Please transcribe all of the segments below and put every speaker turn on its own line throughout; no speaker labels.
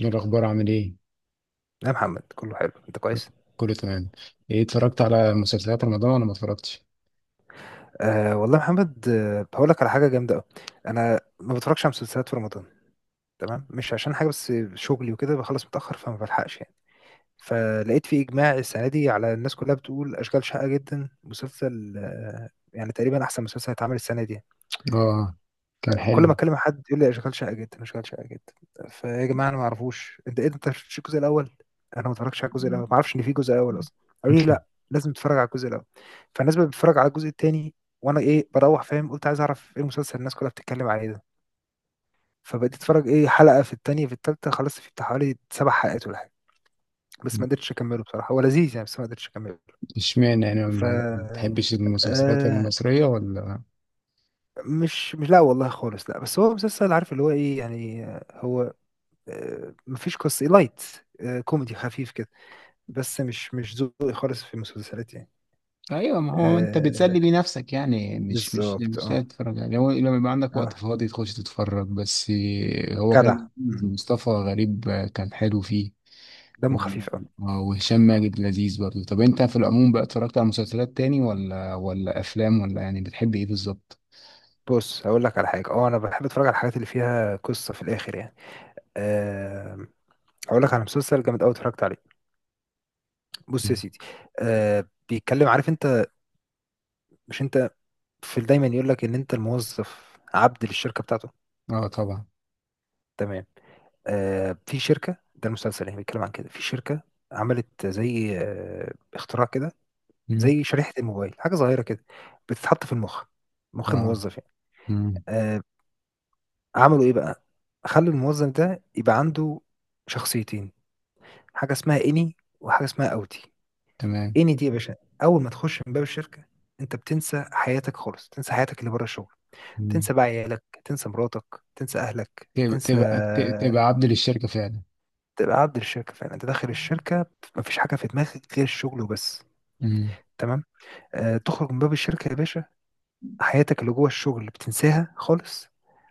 إيه الأخبار، عامل إيه؟
يا محمد، كله حلو، انت كويس.
كله تمام. إيه، اتفرجت على مسلسلات رمضان ولا ما اتفرجتش؟
آه والله يا محمد، هقول لك على حاجه جامده قوي. انا ما بتفرجش على مسلسلات في رمضان. تمام، مش عشان حاجه، بس شغلي وكده بخلص متاخر فما بلحقش يعني. فلقيت في اجماع السنه دي على الناس كلها بتقول اشغال شاقه جدا مسلسل، يعني تقريبا احسن مسلسل هيتعمل السنه دي.
آه، كان
كل ما
حلو.
اتكلم مع حد يقول لي اشغال شقه جدا، اشغال شقه جدا. فيا جماعه، انا ما اعرفوش، انت ايه ده؟ انت ما شفتش الجزء الاول؟ انا ما اتفرجتش على الجزء الاول، ما اعرفش ان في جزء اول اصلا. قالوا لي لا، لازم تتفرج على الجزء الاول. فالناس بقت بتتفرج على الجزء التاني. وانا ايه، بروح فاهم، قلت عايز اعرف ايه المسلسل الناس كلها بتتكلم عليه ده. فبقيت اتفرج ايه، حلقه في التانيه في التالته، خلصت فيه بتاع حوالي 7 حلقات ولا حاجه. بس ما قدرتش اكمله بصراحه، هو لذيذ يعني، بس ما قدرتش اكمله.
اشمعنى؟ يعني
ف
ما بتحبش المسلسلات
آه
المصرية، ولا؟
مش لا والله خالص، لا، بس هو مسلسل عارف اللي هو ايه يعني، هو مفيش قصة لايت، كوميدي خفيف كده، بس مش ذوقي خالص في المسلسلات يعني.
أيوة، ما هو أنت
آه،
بتسلي بيه نفسك يعني، مش مش
بالظبط.
مش لا
اه.
تتفرج يعني، هو لما يبقى عندك وقت
اه،
فاضي تخش تتفرج بس. إيه، هو
جدع.
كان
مم.
مصطفى غريب، كان حلو فيه.
دمه
و-
خفيف. اه.
وهشام ماجد لذيذ برضه. طب أنت في العموم بقى، اتفرجت على مسلسلات تاني ولا أفلام، ولا يعني بتحب إيه بالظبط؟
بص، هقول لك على حاجة، انا بحب اتفرج على الحاجات اللي فيها قصة في الاخر يعني. أه. هقول لك على مسلسل جامد قوي اتفرجت عليه. بص يا سيدي. بيتكلم، عارف انت. مش انت. في دايما يقول لك ان انت الموظف عبد للشركة بتاعته.
اه طبعا.
تمام. في شركة، ده المسلسل يعني بيتكلم عن كده، في شركة. عملت زي اختراع كده.
مم.
زي شريحة الموبايل، حاجة صغيرة كده. بتتحط في المخ. مخ
اه.
الموظف يعني.
مم.
آه، عملوا ايه بقى. خلوا الموظف ده يبقى عنده شخصيتين. حاجة اسمها اني وحاجة اسمها اوتي.
تمام.
اني دي يا باشا، اول ما تخش من باب الشركة انت بتنسى حياتك خالص، تنسى حياتك اللي بره الشغل.
مم.
تنسى بقى عيالك، تنسى مراتك، تنسى اهلك،
تبقى
تنسى.
تبقى تبقى عبد للشركة فعلا.
تبقى عبد الشركه فعلا، انت داخل الشركه مفيش حاجه في دماغك غير الشغل وبس.
مم.
تمام. تخرج من باب الشركه يا باشا، حياتك اللي جوه الشغل بتنساها خالص.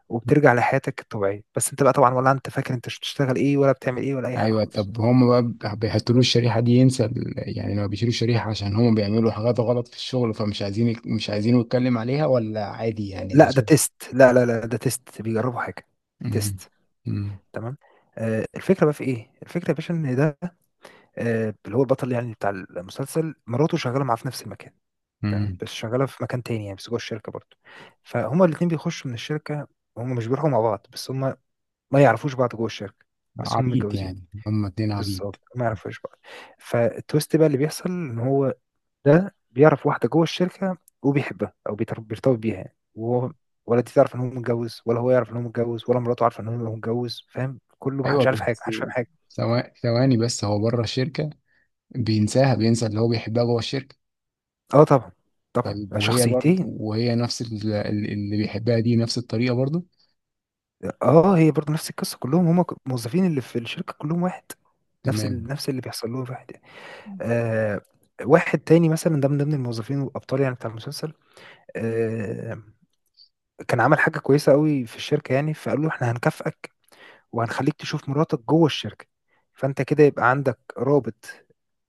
وبترجع لحياتك الطبيعيه، بس انت بقى طبعا ولا انت فاكر انت بتشتغل ايه ولا بتعمل ايه ولا اي حاجه
ايوه،
خالص.
طب هم بقى بيحطوا له الشريحة دي، ينسى يعني لما بيشيلوا الشريحة عشان هم بيعملوا حاجات غلط في الشغل، فمش عايزين مش عايزينه يتكلم عليها، ولا عادي يعني ده
لا ده
شغل؟
تيست، لا لا لا، ده تيست، بيجربوا حاجه.
مم.
تيست.
مم.
تمام. الفكره بقى في ايه، الفكره يا باشا ان ده، اللي هو البطل يعني بتاع المسلسل، مراته شغاله معاه في نفس المكان. تمام،
مم.
بس شغاله في مكان تاني يعني، بس جوه الشركه برضه. فهما الاثنين بيخشوا من الشركه، هما مش بيروحوا مع بعض، بس هما ما يعرفوش بعض جوه الشركه. بس هما
عبيط،
متجوزين.
يعني هم اتنين
بالظبط،
عبيط.
ما يعرفوش بعض. فالتويست بقى اللي بيحصل، ان هو ده بيعرف واحده جوه الشركه وبيحبها او بيرتبط بيها يعني، وهو ولا دي تعرف ان هو متجوز، ولا هو يعرف ان هو متجوز، ولا مراته عارفه ان هو متجوز، فاهم؟ كله
ايوه
محدش عارف حاجه،
بس،
محدش فاهم حاجه.
ثواني بس، هو بره الشركة بينساها، بينسى اللي هو بيحبها جوه الشركة.
اه طبعا. طبعا،
طيب وهي برضه،
شخصيتين.
وهي نفس اللي بيحبها دي، نفس الطريقة برضه؟
اه، هي برضه نفس القصه، كلهم هم الموظفين اللي في الشركه كلهم واحد.
تمام.
نفس اللي بيحصل لهم واحد يعني. آه. واحد تاني مثلا ده من ضمن الموظفين والابطال يعني بتاع المسلسل. آه. كان عمل حاجه كويسه قوي في الشركه يعني، فقالوا له احنا هنكافئك وهنخليك تشوف مراتك جوه الشركه. فانت كده يبقى عندك رابط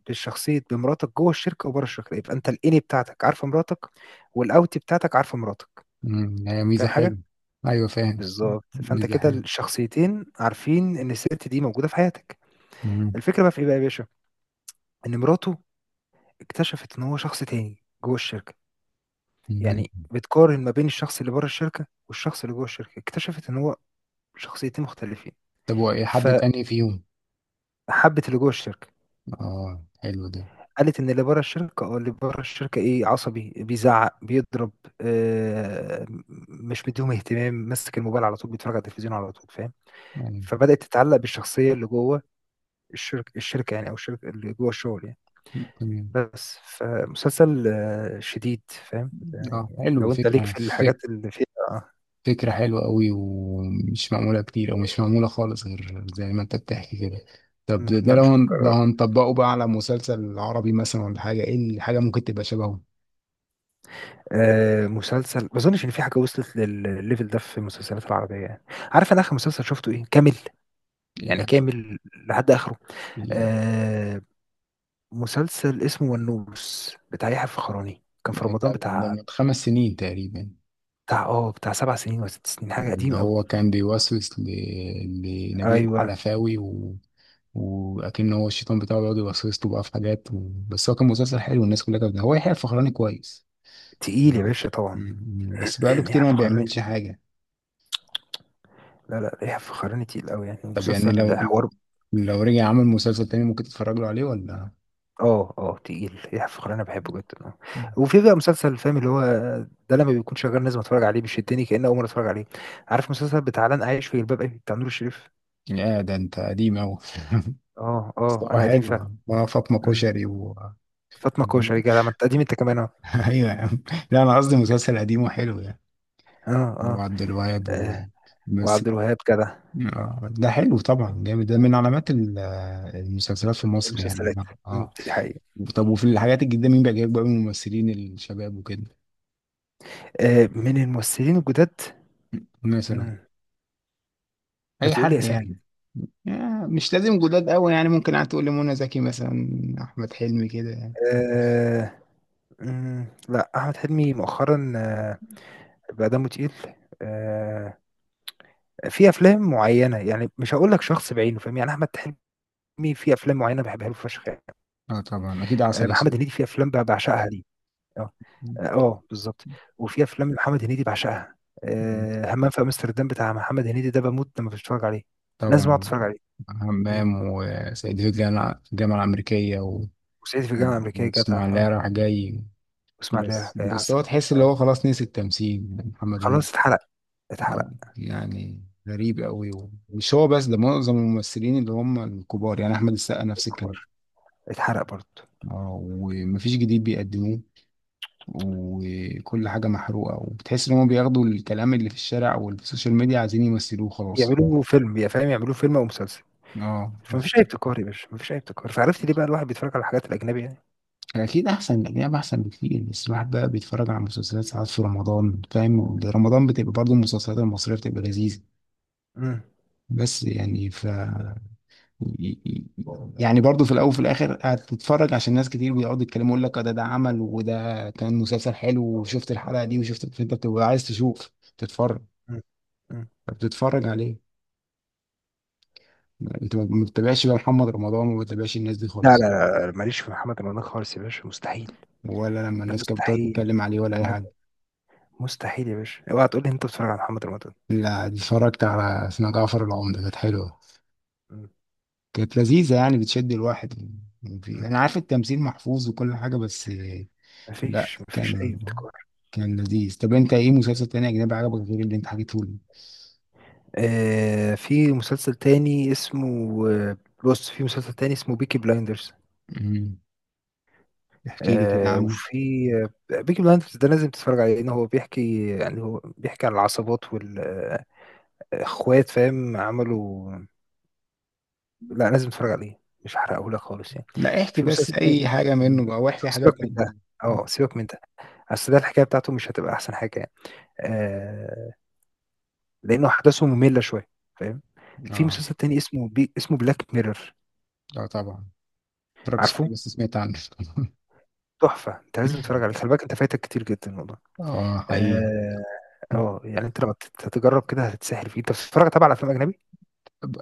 بالشخصيه بمراتك جوه الشركه وبره الشركه، يبقى انت الاني بتاعتك عارفه مراتك والاوتي بتاعتك عارفه مراتك.
مم. هي ميزة
فاهم
حلوة.
حاجه؟
أيوة فاهم.
بالظبط، فانت
ميزة
كده
حلوة.
الشخصيتين عارفين ان الست دي موجوده في حياتك.
مم.
الفكره بقى في ايه بقى يا باشا، ان مراته اكتشفت ان هو شخص تاني جوه الشركه.
مم.
يعني بتقارن ما بين الشخص اللي بره الشركه والشخص اللي جوه الشركه، اكتشفت ان هو شخصيتين مختلفين.
طب، وإيه حبة أنهي فيهم؟
فحبت اللي جوه الشركه.
آه حلو ده.
قالت ان اللي بره الشركه ايه، عصبي بيزعق بيضرب، آه م- مش مديهم اهتمام، ماسك الموبايل على طول، بيتفرج على التلفزيون على طول، فاهم.
يعني
فبدأت تتعلق بالشخصيه اللي جوه الشركه يعني، او الشركه اللي جوه الشغل يعني.
تمام.
بس فمسلسل شديد. فاهم
آه
يعني.
حلو،
لو انت ليك
فكرة
في
فك
الحاجات اللي فيها. آه،
فكرة حلوة أوي، ومش معمولة كتير، أو مش معمولة خالص غير زي ما أنت بتحكي كده. طب ده
مم،
ده
لا،
لو
مش
هن... لو
مكرر.
هنطبقه بقى على مسلسل عربي مثلا، ولا حاجة؟ إيه الحاجة ممكن تبقى شبهه؟
مسلسل ما اظنش ان في حاجه وصلت للليفل ده في المسلسلات العربيه يعني، عارف انا اخر مسلسل شفته ايه كامل، يعني كامل لحد اخره.
إيه.
آه. مسلسل اسمه ونوس بتاع يحيى الفخراني، كان في
ده
رمضان،
ده
بتاع
من 5 سنين تقريبا.
بتاع 7 سنين ولا 6 سنين، حاجه
ان
قديم قوي.
هو كان بيوسوس لنبيل
ايوه،
حلفاوي. واكن هو الشيطان بتاعه بيقعد يوسوس له بقى في حاجات. بس هو كان مسلسل حلو، والناس كلها كانت، هو يحيى الفخراني كويس.
تقيل يا
لا.
باشا طبعا.
بس بقاله
يحيى
كتير ما
الفخراني
بيعملش
تقيل.
حاجة.
لا لا، يحيى الفخراني تقيل قوي يعني،
طب يعني لو
مسلسل
لو
حوار.
لو رجع عمل مسلسل تاني ممكن تتفرج له عليه، ولا؟
اه اه، تقيل يحيى الفخراني، انا بحبه جدا. اه. وفي بقى مسلسل، فاهم، اللي هو ده لما بيكون شغال لازم اتفرج عليه، بيشدني كأني اول مره اتفرج عليه. عارف مسلسل بتاع لن اعيش في جلباب ابي بتاع نور الشريف؟
يا ده انت قديم اوي.
اه
بس
اه،
هو
انا قديم فعلا.
حلو، ما فاطمة
مم.
كشري.
فاطمه كوشري جدع، ما انت قديم انت كمان. اه.
ايوه يا عم. لا، انا قصدي مسلسل قديم وحلو يعني.
اه، اه.
وعبد الوهاب.
آه،
بس.
وعبد الوهاب جدع.
آه، ده حلو طبعا، جامد ده من علامات المسلسلات في مصر يعني.
المسلسلات. مم،
اه.
دي حقيقة.
طب، وفي الحاجات الجديدة مين بيعجبك بقى من الممثلين الشباب وكده؟
من الممثلين الجداد.
مثلا،
مم. ما
اي
تقولي
حد
اسامي كده.
يعني. آه، مش لازم جداد قوي يعني. ممكن قاعد تقول لي منى زكي مثلا، احمد حلمي كده يعني.
آه مم، لا، احمد حلمي مؤخرا. آه، بقى دمه تقيل. آه. في افلام معينه يعني، مش هقول لك شخص بعينه فاهم يعني، احمد حلمي في افلام معينه بحبها له فشخ يعني.
اه طبعا، اكيد عسل
محمد
اسود.
هنيدي في افلام بعشقها ليه. اه اه، بالظبط. وفي افلام محمد هنيدي بعشقها.
م-
همام في امستردام بتاع محمد هنيدي ده، بموت لما بتفرج عليه. لازم اقعد
طبعا.
اتفرج عليه. مم.
همام وسيد في الجامعة الأمريكية،
وصعيدي في الجامعه الامريكيه جدع. اه.
واسماعيلية رايح جاي.
واسمع ليه
بس
يا
بس هو
عسل.
تحس اللي
اه،
هو خلاص نسي التمثيل يعني، محمد هنيدي.
خلاص اتحرق. اتحرق.
اه يعني، غريب قوي. مش هو بس، ده معظم الممثلين اللي هم الكبار يعني، احمد السقا نفس
الكبار.
الكلام.
اتحرق برضه.
اه، ومفيش جديد بيقدموه، وكل حاجه محروقه، وبتحس ان هم بياخدوا الكلام اللي في الشارع واللي في السوشيال ميديا عايزين يمثلوه خلاص.
يعملوا فيلم يا فاهم، يعملوا فيلم او مسلسل.
اه
فمفيش اي ابتكار يا باشا، مفيش اي ابتكار، فعرفت ليه بقى الواحد بيتفرج على الحاجات الاجنبي يعني.
اكيد، احسن الاجنبي احسن بكتير، بس الواحد بقى بيتفرج على مسلسلات ساعات في رمضان فاهم. رمضان بتبقى برضه المسلسلات المصريه بتبقى لذيذه،
مم.
بس يعني، ف يعني برضو في الاول وفي الاخر هتتفرج عشان ناس كتير بيقعدوا يتكلموا، يقول لك آه ده عمل، وده كان مسلسل حلو، وشفت الحلقه دي وشفت، فانت بتبقى عايز تشوف، تتفرج،
مم. مم.
فبتتفرج عليه. انت ما بتتابعش بقى محمد رمضان، وما بتتابعش الناس دي
لا
خالص؟
لا لا لا، ماليش في محمد رمضان خالص يا باشا، مستحيل.
ولا لما
ده
الناس كانت بتقعد
مستحيل.
تتكلم عليه ولا اي
لا لا،
حاجه؟
مستحيل يا باشا، اوعى تقول لي انت بتتفرج على محمد رمضان.
لا، اتفرجت على اسمها جعفر العمدة، كانت حلوه،
مم.
كانت لذيذه يعني، بتشد الواحد.
مم.
انا عارف التمثيل محفوظ وكل حاجه، بس لا،
مفيش اي
كان
ابتكار.
كان لذيذ. طب انت ايه مسلسل تاني اجنبي عجبك غير اللي انت حكيته لي؟
في مسلسل تاني اسمه، آه، بص في مسلسل تاني اسمه بيكي بلايندرز.
مم. احكي لي كده عنه.
وفي، بيكي بلايندرز ده لازم تتفرج عليه، لان هو بيحكي يعني، هو بيحكي عن العصابات والاخوات، فاهم، عملوا. لأ لازم تتفرج عليه، مش هاحرقه لك خالص يعني.
لا احكي
في
بس
مسلسل تاني
اي حاجه
اسمه.
منه بقى،
طب
واحكي حاجه
سيبك من ده،
تانية.
سيبك من ده، أصل ده الحكاية بتاعته مش هتبقى أحسن حاجة يعني، آآ، لأنه أحداثه مملة شوية، فاهم؟ في
اه
مسلسل تاني اسمه Black Mirror.
اه طبعا، ما اتفرجتش
عارفه؟
عليه بس سمعت عنه.
تحفة، أنت لازم تتفرج عليه، خلي بالك أنت فايتك كتير جدًا والله.
اه حقيقي.
آآ، يعني أنت لو تجرب كده هتتسحل فيه، أنت بتتفرج طبعًا على أفلام أجنبي؟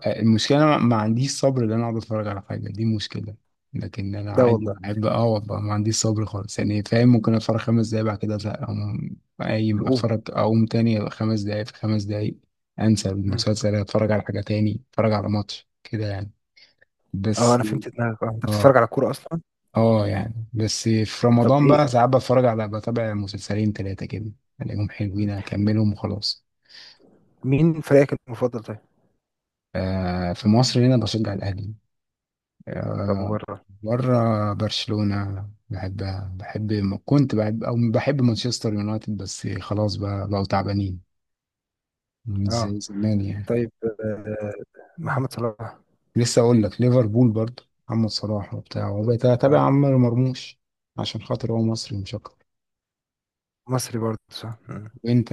المشكلة أنا ما عنديش صبر إن أنا أقعد أتفرج على حاجة، دي مشكلة. لكن أنا
لا
عادي
والله.
بحب، أه والله ما عنديش صبر خالص يعني فاهم. ممكن أتفرج 5 دقايق بعد كده أزهق أقوم، قايم
تقوم.
أتفرج أقوم تاني 5 دقايق، في 5 دقايق أنسى
إمم،
المسلسل، أتفرج على حاجة تاني، أتفرج على ماتش كده يعني.
آه،
بس
أنا فهمت دماغك. أنت
أه
بتتفرج على كورة أصلًا؟
أه يعني، بس في
طب
رمضان
إيه.
بقى ساعات بتفرج على بتابع مسلسلين تلاتة كده، ألاقيهم حلوين
إمم،
أكملهم وخلاص.
مين فريقك المفضل طيب؟
آه في مصر هنا بشجع الأهلي.
طب
آه،
وبرّه؟
بره برشلونة، بحبها. كنت بحب، أو بحب مانشستر يونايتد، بس خلاص بقى بقوا تعبانين، مش
اه
زي زمان يعني.
طيب. آه،
مم.
محمد صلاح.
لسه أقول لك ليفربول برضه، محمد صلاح وبتاع، وبقيت
اه،
أتابع عمر مرموش عشان خاطر هو مصري مش أكتر.
مصري برضه صح. مم.
وأنت،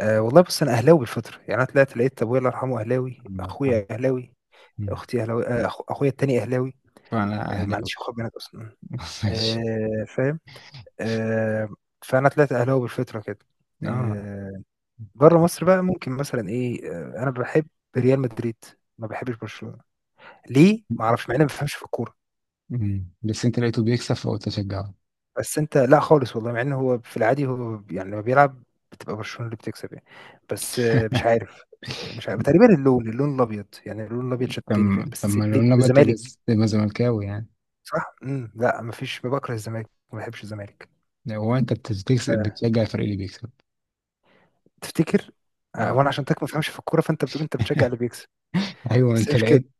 آه والله، بص انا اهلاوي بالفطره يعني، انا طلعت لقيت ابويا الله يرحمه اهلاوي،
عمار آه.
اخويا اهلاوي،
مم.
اختي اهلاوي، اخويا التاني اهلاوي.
فأنا
ما
أهلاوي.
عنديش اخوات بنات اصلا.
ماشي.
آه، فاهم. آه. فانا طلعت اهلاوي بالفطره كده.
آه.
آه. بره مصر بقى ممكن مثلا ايه، انا بحب ريال مدريد. ما بحبش برشلونه. ليه؟ ما اعرفش، مع اني ما بفهمش في الكوره.
مم. بس أنت لقيته بيكسب فقلت أشجعه.
بس انت، لا خالص والله، مع انه هو في العادي هو يعني لما بيلعب بتبقى برشلونة اللي بتكسب يعني. بس مش عارف، مش عارف، تقريبا اللون الابيض يعني، اللون الابيض
طب
شدني فاهم.
طب
بس
ما لو
ليه
أنا
طب
بقى، تبقى،
الزمالك؟
تبقى زملكاوي يعني؟
صح؟ لا، مفيش، بكره الزمالك، ما بحبش الزمالك.
هو انت بتستكسب
آه،
بتشجع الفريق اللي بيكسب؟
تفتكر؟
اه.
وانا عشان ما فهمش في الكوره، فانت بتقول انت بتشجع اللي بيكسب.
ايوه،
بس هي
انت
مش كده.
لقيت،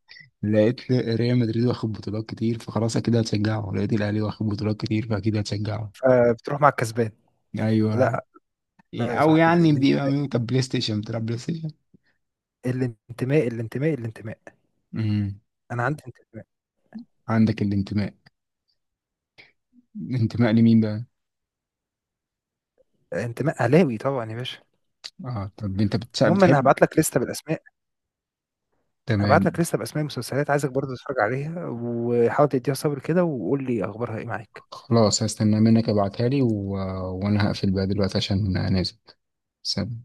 لقيت ريال مدريد واخد بطولات كتير، فخلاص اكيد هتشجعه، لقيت الاهلي واخد بطولات كتير فاكيد هتشجعه.
فبتروح مع الكسبان.
ايوه.
لا لا، يا
او
صاحبي،
يعني، بيبقى
الانتماء،
مين طب؟ بلاي ستيشن، بتلعب بلاي ستيشن؟
الانتماء، الانتماء، الانتماء.
امم.
انا عندي انتماء.
عندك الانتماء. الانتماء لمين بقى؟
انتماء اهلاوي طبعا يا باشا.
اه طب انت
المهم، انا
بتحب.
هبعت لك لسته بالاسماء، هبعت لك
تمام.
لسه باسماء المسلسلات، عايزك برضه تتفرج عليها، وحاول تديها صبر كده وقول لي اخبارها ايه معاك.
خلاص، هستنى منك ابعتها لي. وانا هقفل بقى دلوقتي عشان نازل. سلام.